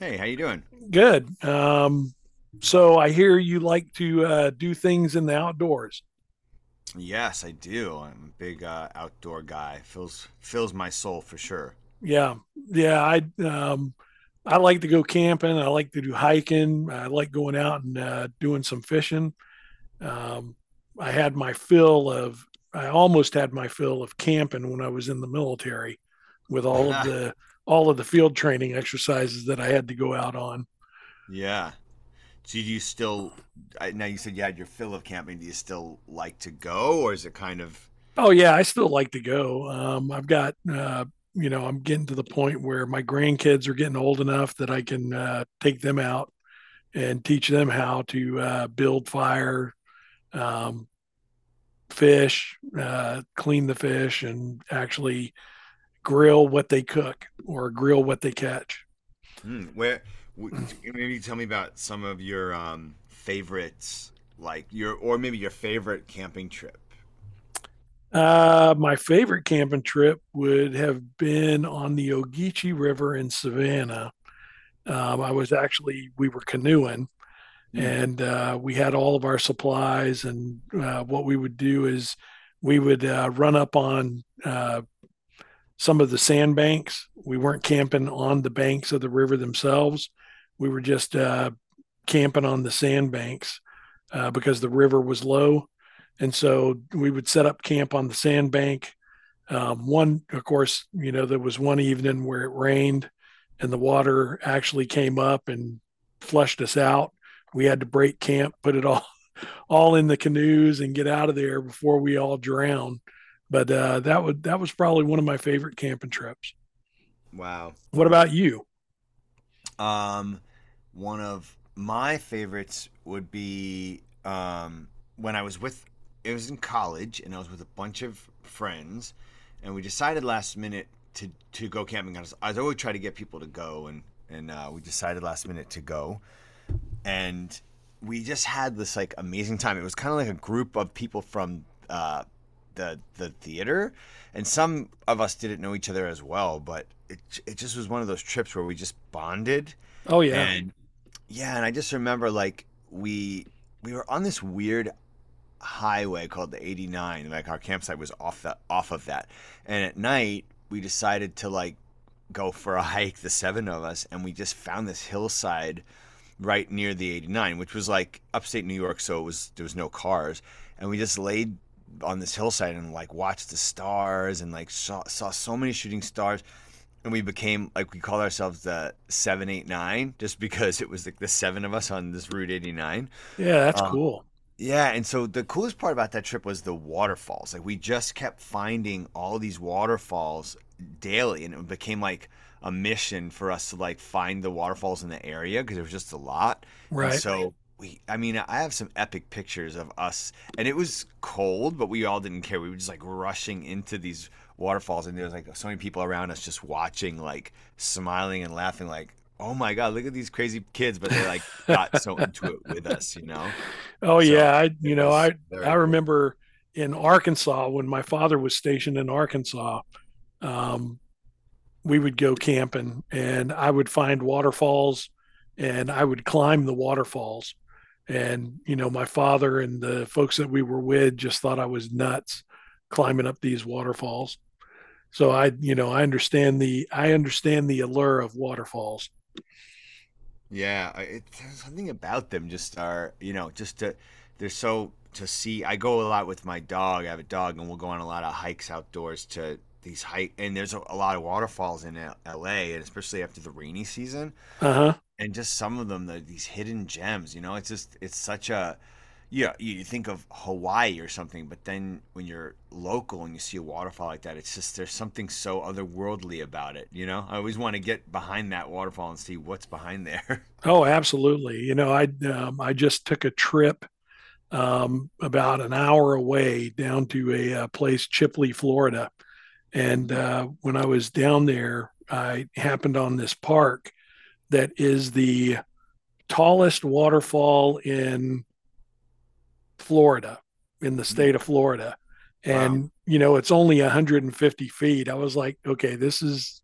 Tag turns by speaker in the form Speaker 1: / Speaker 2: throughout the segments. Speaker 1: Hey, how you doing?
Speaker 2: Good. So I hear you like to do things in the outdoors.
Speaker 1: Yes, I do. I'm a big outdoor guy. Fills my soul for sure.
Speaker 2: Yeah, yeah. I I like to go camping. I like to do hiking. I like going out and doing some fishing. Um, I had my fill of. I almost had my fill of camping when I was in the military, with all of the field training exercises that I had to go out on.
Speaker 1: Yeah. So do you still? Now you said you had your fill of camping. Do you still like to go, or is it kind of
Speaker 2: Oh yeah, I still like to go. I've got you know I'm getting to the point where my grandkids are getting old enough that I can take them out and teach them how to build fire, um, fish, clean the fish, and actually grill what they cook or grill what they catch.
Speaker 1: where? w- Maybe tell me about some of your favorites, like your or maybe your favorite camping trip.
Speaker 2: My favorite camping trip would have been on the Ogeechee River in Savannah. I was actually, we were canoeing
Speaker 1: Hmm.
Speaker 2: and we had all of our supplies. And what we would do is we would run up on some of the sandbanks. We weren't camping on the banks of the river themselves. We were just camping on the sandbanks because the river was low. And so we would set up camp on the sandbank. One, of course, you know, there was one evening where it rained and the water actually came up and flushed us out. We had to break camp, put it all, all in the canoes and get out of there before we all drown. But that was probably one of my favorite camping trips.
Speaker 1: Wow.
Speaker 2: What about you?
Speaker 1: Um, One of my favorites would be when I was with, it was in college, and I was with a bunch of friends, and we decided last minute to go camping. I always try to get people to go, and, and we decided last minute to go. And we just had this like amazing time. It was kind of like a group of people from uh, the theater, and some of us didn't know each other as well, but it just was one of those trips where we just bonded
Speaker 2: Oh yeah.
Speaker 1: and yeah, and I just remember like we were on this weird highway called the 89. Like our campsite was off the off of that. And at night we decided to like go for a hike, the seven of us, and we just found this hillside right near the 89, which was like upstate New York, so it was there was no cars, and we just laid on this hillside and like watched the stars and like saw so many shooting stars, and we became like we called ourselves the 789 just because it was like the seven of us on this route 89.
Speaker 2: Yeah, that's
Speaker 1: Um,
Speaker 2: cool.
Speaker 1: yeah, and so the coolest part about that trip was the waterfalls. Like we just kept finding all these waterfalls daily, and it became like a mission for us to like find the waterfalls in the area because there was just a lot. And, right,
Speaker 2: Right.
Speaker 1: so I mean, I have some epic pictures of us, and it was cold, but we all didn't care. We were just like rushing into these waterfalls, and there was like so many people around us just watching, like smiling and laughing, like, oh my God, look at these crazy kids, but they like got so into it with us, you know?
Speaker 2: Oh
Speaker 1: So
Speaker 2: yeah, I you
Speaker 1: it
Speaker 2: know,
Speaker 1: was
Speaker 2: I
Speaker 1: very cool.
Speaker 2: remember in Arkansas when my father was stationed in Arkansas. Um, we would go camping and I would find waterfalls and I would climb the waterfalls. And, you know, my father and the folks that we were with just thought I was nuts climbing up these waterfalls. So I understand I understand the allure of waterfalls.
Speaker 1: Yeah, something about them just are just to they're so to see. I go a lot with my dog. I have a dog, and we'll go on a lot of hikes outdoors to these hike. And there's a lot of waterfalls in L.A. and especially after the rainy season,
Speaker 2: Uh huh.
Speaker 1: and just some of them, these hidden gems. You know, it's such a, yeah. You think of Hawaii or something, but then when you're local and you see a waterfall like that, it's just there's something so otherworldly about it. You know, I always want to get behind that waterfall and see what's behind there.
Speaker 2: Oh, absolutely. I just took a trip about an hour away down to a, place, Chipley, Florida. And
Speaker 1: Mm,
Speaker 2: when I was down there, I happened on this park that is the tallest waterfall in Florida, in the
Speaker 1: mm.
Speaker 2: state of Florida.
Speaker 1: Wow.
Speaker 2: And, you know, it's only 150 feet. I was like, okay,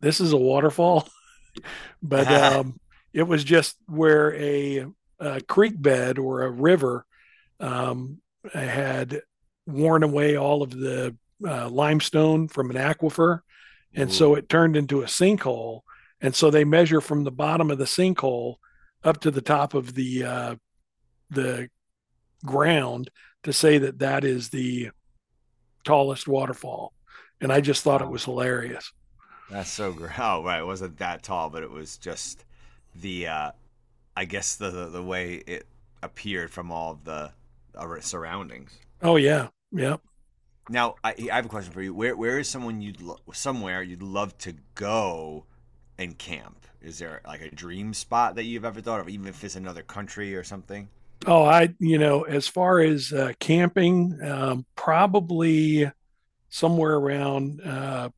Speaker 2: this is a waterfall, but it was just where a creek bed or a river Um, had worn away all of the limestone from an aquifer. And so
Speaker 1: Ooh,
Speaker 2: it turned into a sinkhole. And so they measure from the bottom of the sinkhole up to the top of the ground to say that that is the tallest waterfall. And I just thought it
Speaker 1: wow.
Speaker 2: was hilarious.
Speaker 1: That's so great. Oh, right. It wasn't that tall, but it was just the I guess the way it appeared from all of the surroundings.
Speaker 2: Oh, yeah. Yeah.
Speaker 1: Now, I have a question for you. Where is someone you'd lo- somewhere you'd love to go and camp. Is there like a dream spot that you've ever thought of, even if it's another country or something?
Speaker 2: Oh, I, you know, as far as camping, probably somewhere around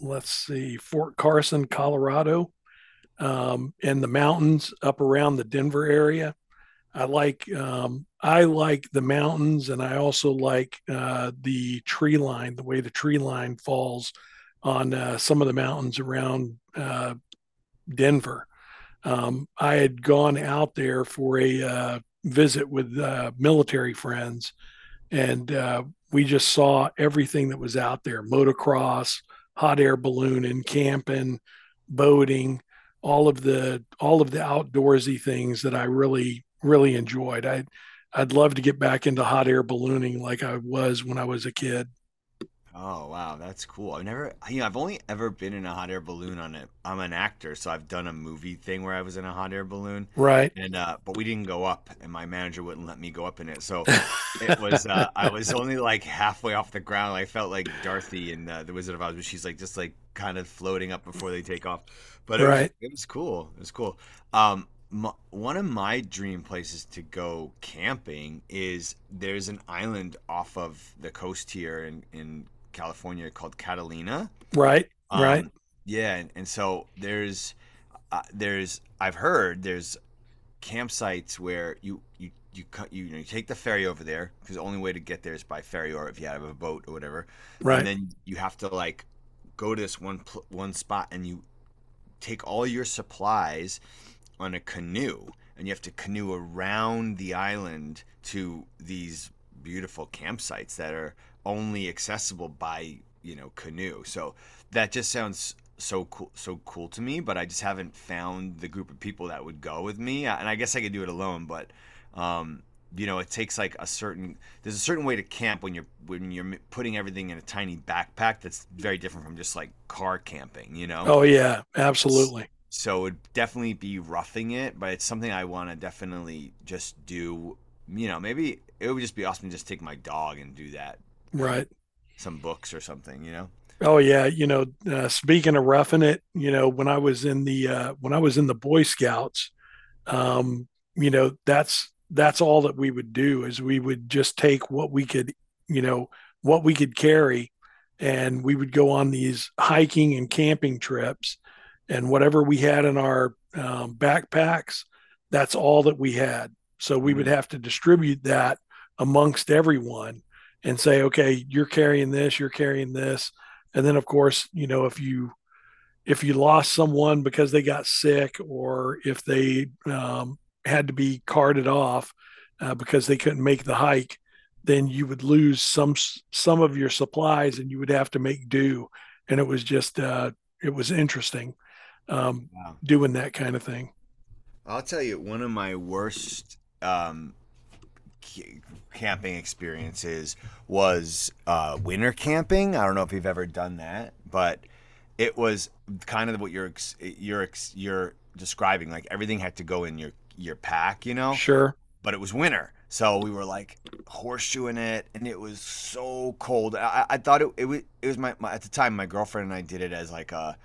Speaker 2: let's see, Fort Carson, Colorado, and the mountains up around the Denver area. I like the mountains, and I also like the tree line, the way the tree line falls on some of the mountains around Denver. I had gone out there for a visit with military friends, and we just saw everything that was out there: motocross, hot air ballooning, camping, boating, all of the outdoorsy things that I really really enjoyed. I'd love to get back into hot air ballooning like I was when I was a kid.
Speaker 1: Oh wow, that's cool. I've never, you know, I've only ever been in a hot air balloon on it. I'm an actor, so I've done a movie thing where I was in a hot air balloon,
Speaker 2: Right.
Speaker 1: and but we didn't go up, and my manager wouldn't let me go up in it. So I was only like halfway off the ground. I felt like Dorothy in The Wizard of Oz, but she's like just like kind of floating up before they take off. But it was,
Speaker 2: Right.
Speaker 1: it was cool. It was cool. Um, m One of my dream places to go camping is there's an island off of the coast here in California called Catalina.
Speaker 2: Right. Right.
Speaker 1: Um, yeah, and so there's I've heard there's campsites where you cut you take the ferry over there, because the only way to get there is by ferry or if you have a boat or whatever. And
Speaker 2: Right.
Speaker 1: then you have to like go to this one spot, and you take all your supplies on a canoe, and you have to canoe around the island to these beautiful campsites that are only accessible by canoe. So that just sounds so cool, so cool to me, but I just haven't found the group of people that would go with me, and I guess I could do it alone, but um it takes like a certain there's a certain way to camp when you're putting everything in a tiny backpack that's very different from just like car camping, you know?
Speaker 2: Oh yeah, absolutely.
Speaker 1: So it would definitely be roughing it, but it's something I want to definitely just do. You know, maybe it would just be awesome to just take my dog and do that and
Speaker 2: Right.
Speaker 1: some books or something, you know?
Speaker 2: Oh yeah, you know, speaking of roughing it, you know, when I was in the when I was in the Boy Scouts, um, you know that's all that we would do is we would just take what we could, you know, what we could carry, and we would go on these hiking and camping trips, and whatever we had in our backpacks, that's all that we had. So we would
Speaker 1: Mm,
Speaker 2: have to distribute that amongst everyone and say okay, you're carrying this, you're carrying this. And then of course, you know, if you lost someone because they got sick or if they had to be carted off because they couldn't make the hike, then you would lose some of your supplies and you would have to make do. And it was just it was interesting um,
Speaker 1: wow.
Speaker 2: doing that kind of thing.
Speaker 1: I'll tell you, one of my worst c- camping experiences was winter camping. I don't know if you've ever done that, but it was kind of what you're describing. Like everything had to go in your pack, you know.
Speaker 2: Sure,
Speaker 1: But it was winter, so we were like horseshoeing it, and it was so cold. I thought it was my at the time, my girlfriend and I did it as like a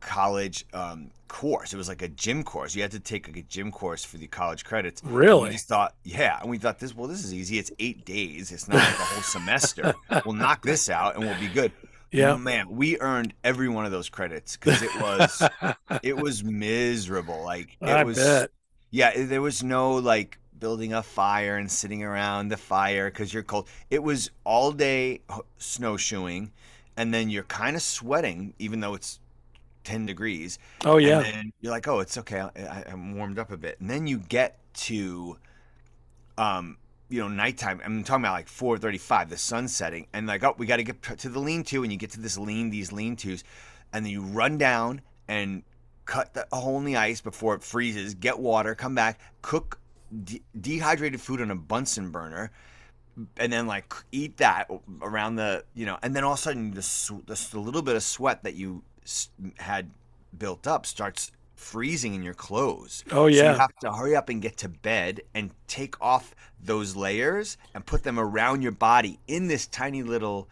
Speaker 1: college course. It was like a gym course. You had to take like a gym course for the college credits, and we
Speaker 2: really,
Speaker 1: just thought, yeah, and we thought this well this is easy. It's 8 days. It's not like the whole semester. We'll knock this out, and we'll be good.
Speaker 2: yeah,
Speaker 1: Man, we earned every one of those credits, because it was it was miserable. Like it
Speaker 2: I
Speaker 1: was,
Speaker 2: bet.
Speaker 1: yeah. There was no like building a fire and sitting around the fire because you're cold. It was all day snowshoeing, and then you're kind of sweating even though it's 10 degrees,
Speaker 2: Oh
Speaker 1: and
Speaker 2: yeah,
Speaker 1: then you're like, oh, it's okay. I'm warmed up a bit, and then you get to um, nighttime. I'm talking about like 4:35, the sun setting, and like, oh, we got to get to the lean-to, and you get to this these lean-tos, and then you run down and cut the hole in the ice before it freezes. Get water, come back, cook dehydrated food on a Bunsen burner, and then like eat that around and then all of a sudden little bit of sweat that you had built up starts freezing in your clothes.
Speaker 2: oh
Speaker 1: So you
Speaker 2: yeah.
Speaker 1: have to hurry up and get to bed and take off those layers and put them around your body in this tiny little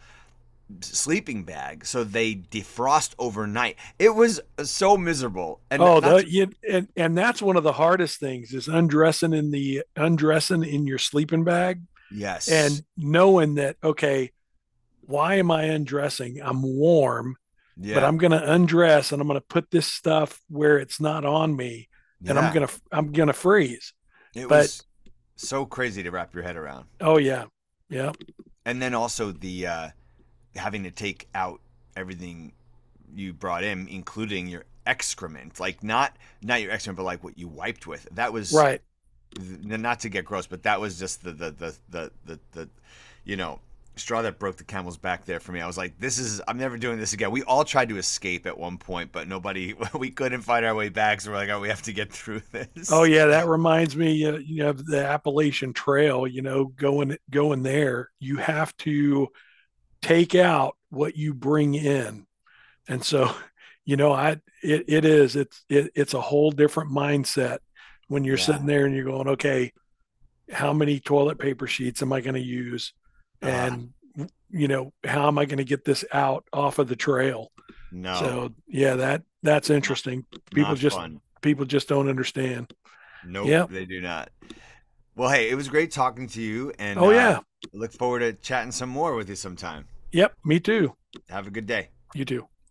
Speaker 1: sleeping bag so they defrost overnight. It was so miserable. And
Speaker 2: Oh, the
Speaker 1: not to.
Speaker 2: you, and that's one of the hardest things is undressing in your sleeping bag
Speaker 1: Yes.
Speaker 2: and knowing that okay, why am I undressing? I'm warm, but
Speaker 1: Yeah.
Speaker 2: I'm going to undress and I'm going to put this stuff where it's not on me and
Speaker 1: Yeah.
Speaker 2: I'm going to freeze.
Speaker 1: It
Speaker 2: But
Speaker 1: was so crazy to wrap your head around.
Speaker 2: oh yeah. Yeah.
Speaker 1: And then also the having to take out everything you brought in, including your excrement, like not your excrement, but like what you wiped with. That was
Speaker 2: Right.
Speaker 1: not to get gross, but that was just the you know straw that broke the camel's back there for me. I was like, I'm never doing this again. We all tried to escape at one point, but nobody, we couldn't find our way back. So we're like, oh, we have to get through
Speaker 2: Oh
Speaker 1: this.
Speaker 2: yeah, that reminds me you know of the Appalachian Trail, you know, going there, you have to take out what you bring in. And so, you know, I it is it's a whole different mindset when you're
Speaker 1: Yeah.
Speaker 2: sitting there and you're going, okay, how many toilet paper sheets am I going to use,
Speaker 1: Uh,
Speaker 2: and you know, how am I going to get this out off of the trail?
Speaker 1: no,
Speaker 2: So yeah, that's
Speaker 1: not,
Speaker 2: interesting. People
Speaker 1: not
Speaker 2: just
Speaker 1: fun.
Speaker 2: People just don't understand.
Speaker 1: Nope,
Speaker 2: Yeah.
Speaker 1: they do not. Well, hey, it was great talking to you, and
Speaker 2: Oh
Speaker 1: uh,
Speaker 2: yeah.
Speaker 1: look forward to chatting some more with you sometime.
Speaker 2: Yep. Me too.
Speaker 1: Have a good day.
Speaker 2: You too.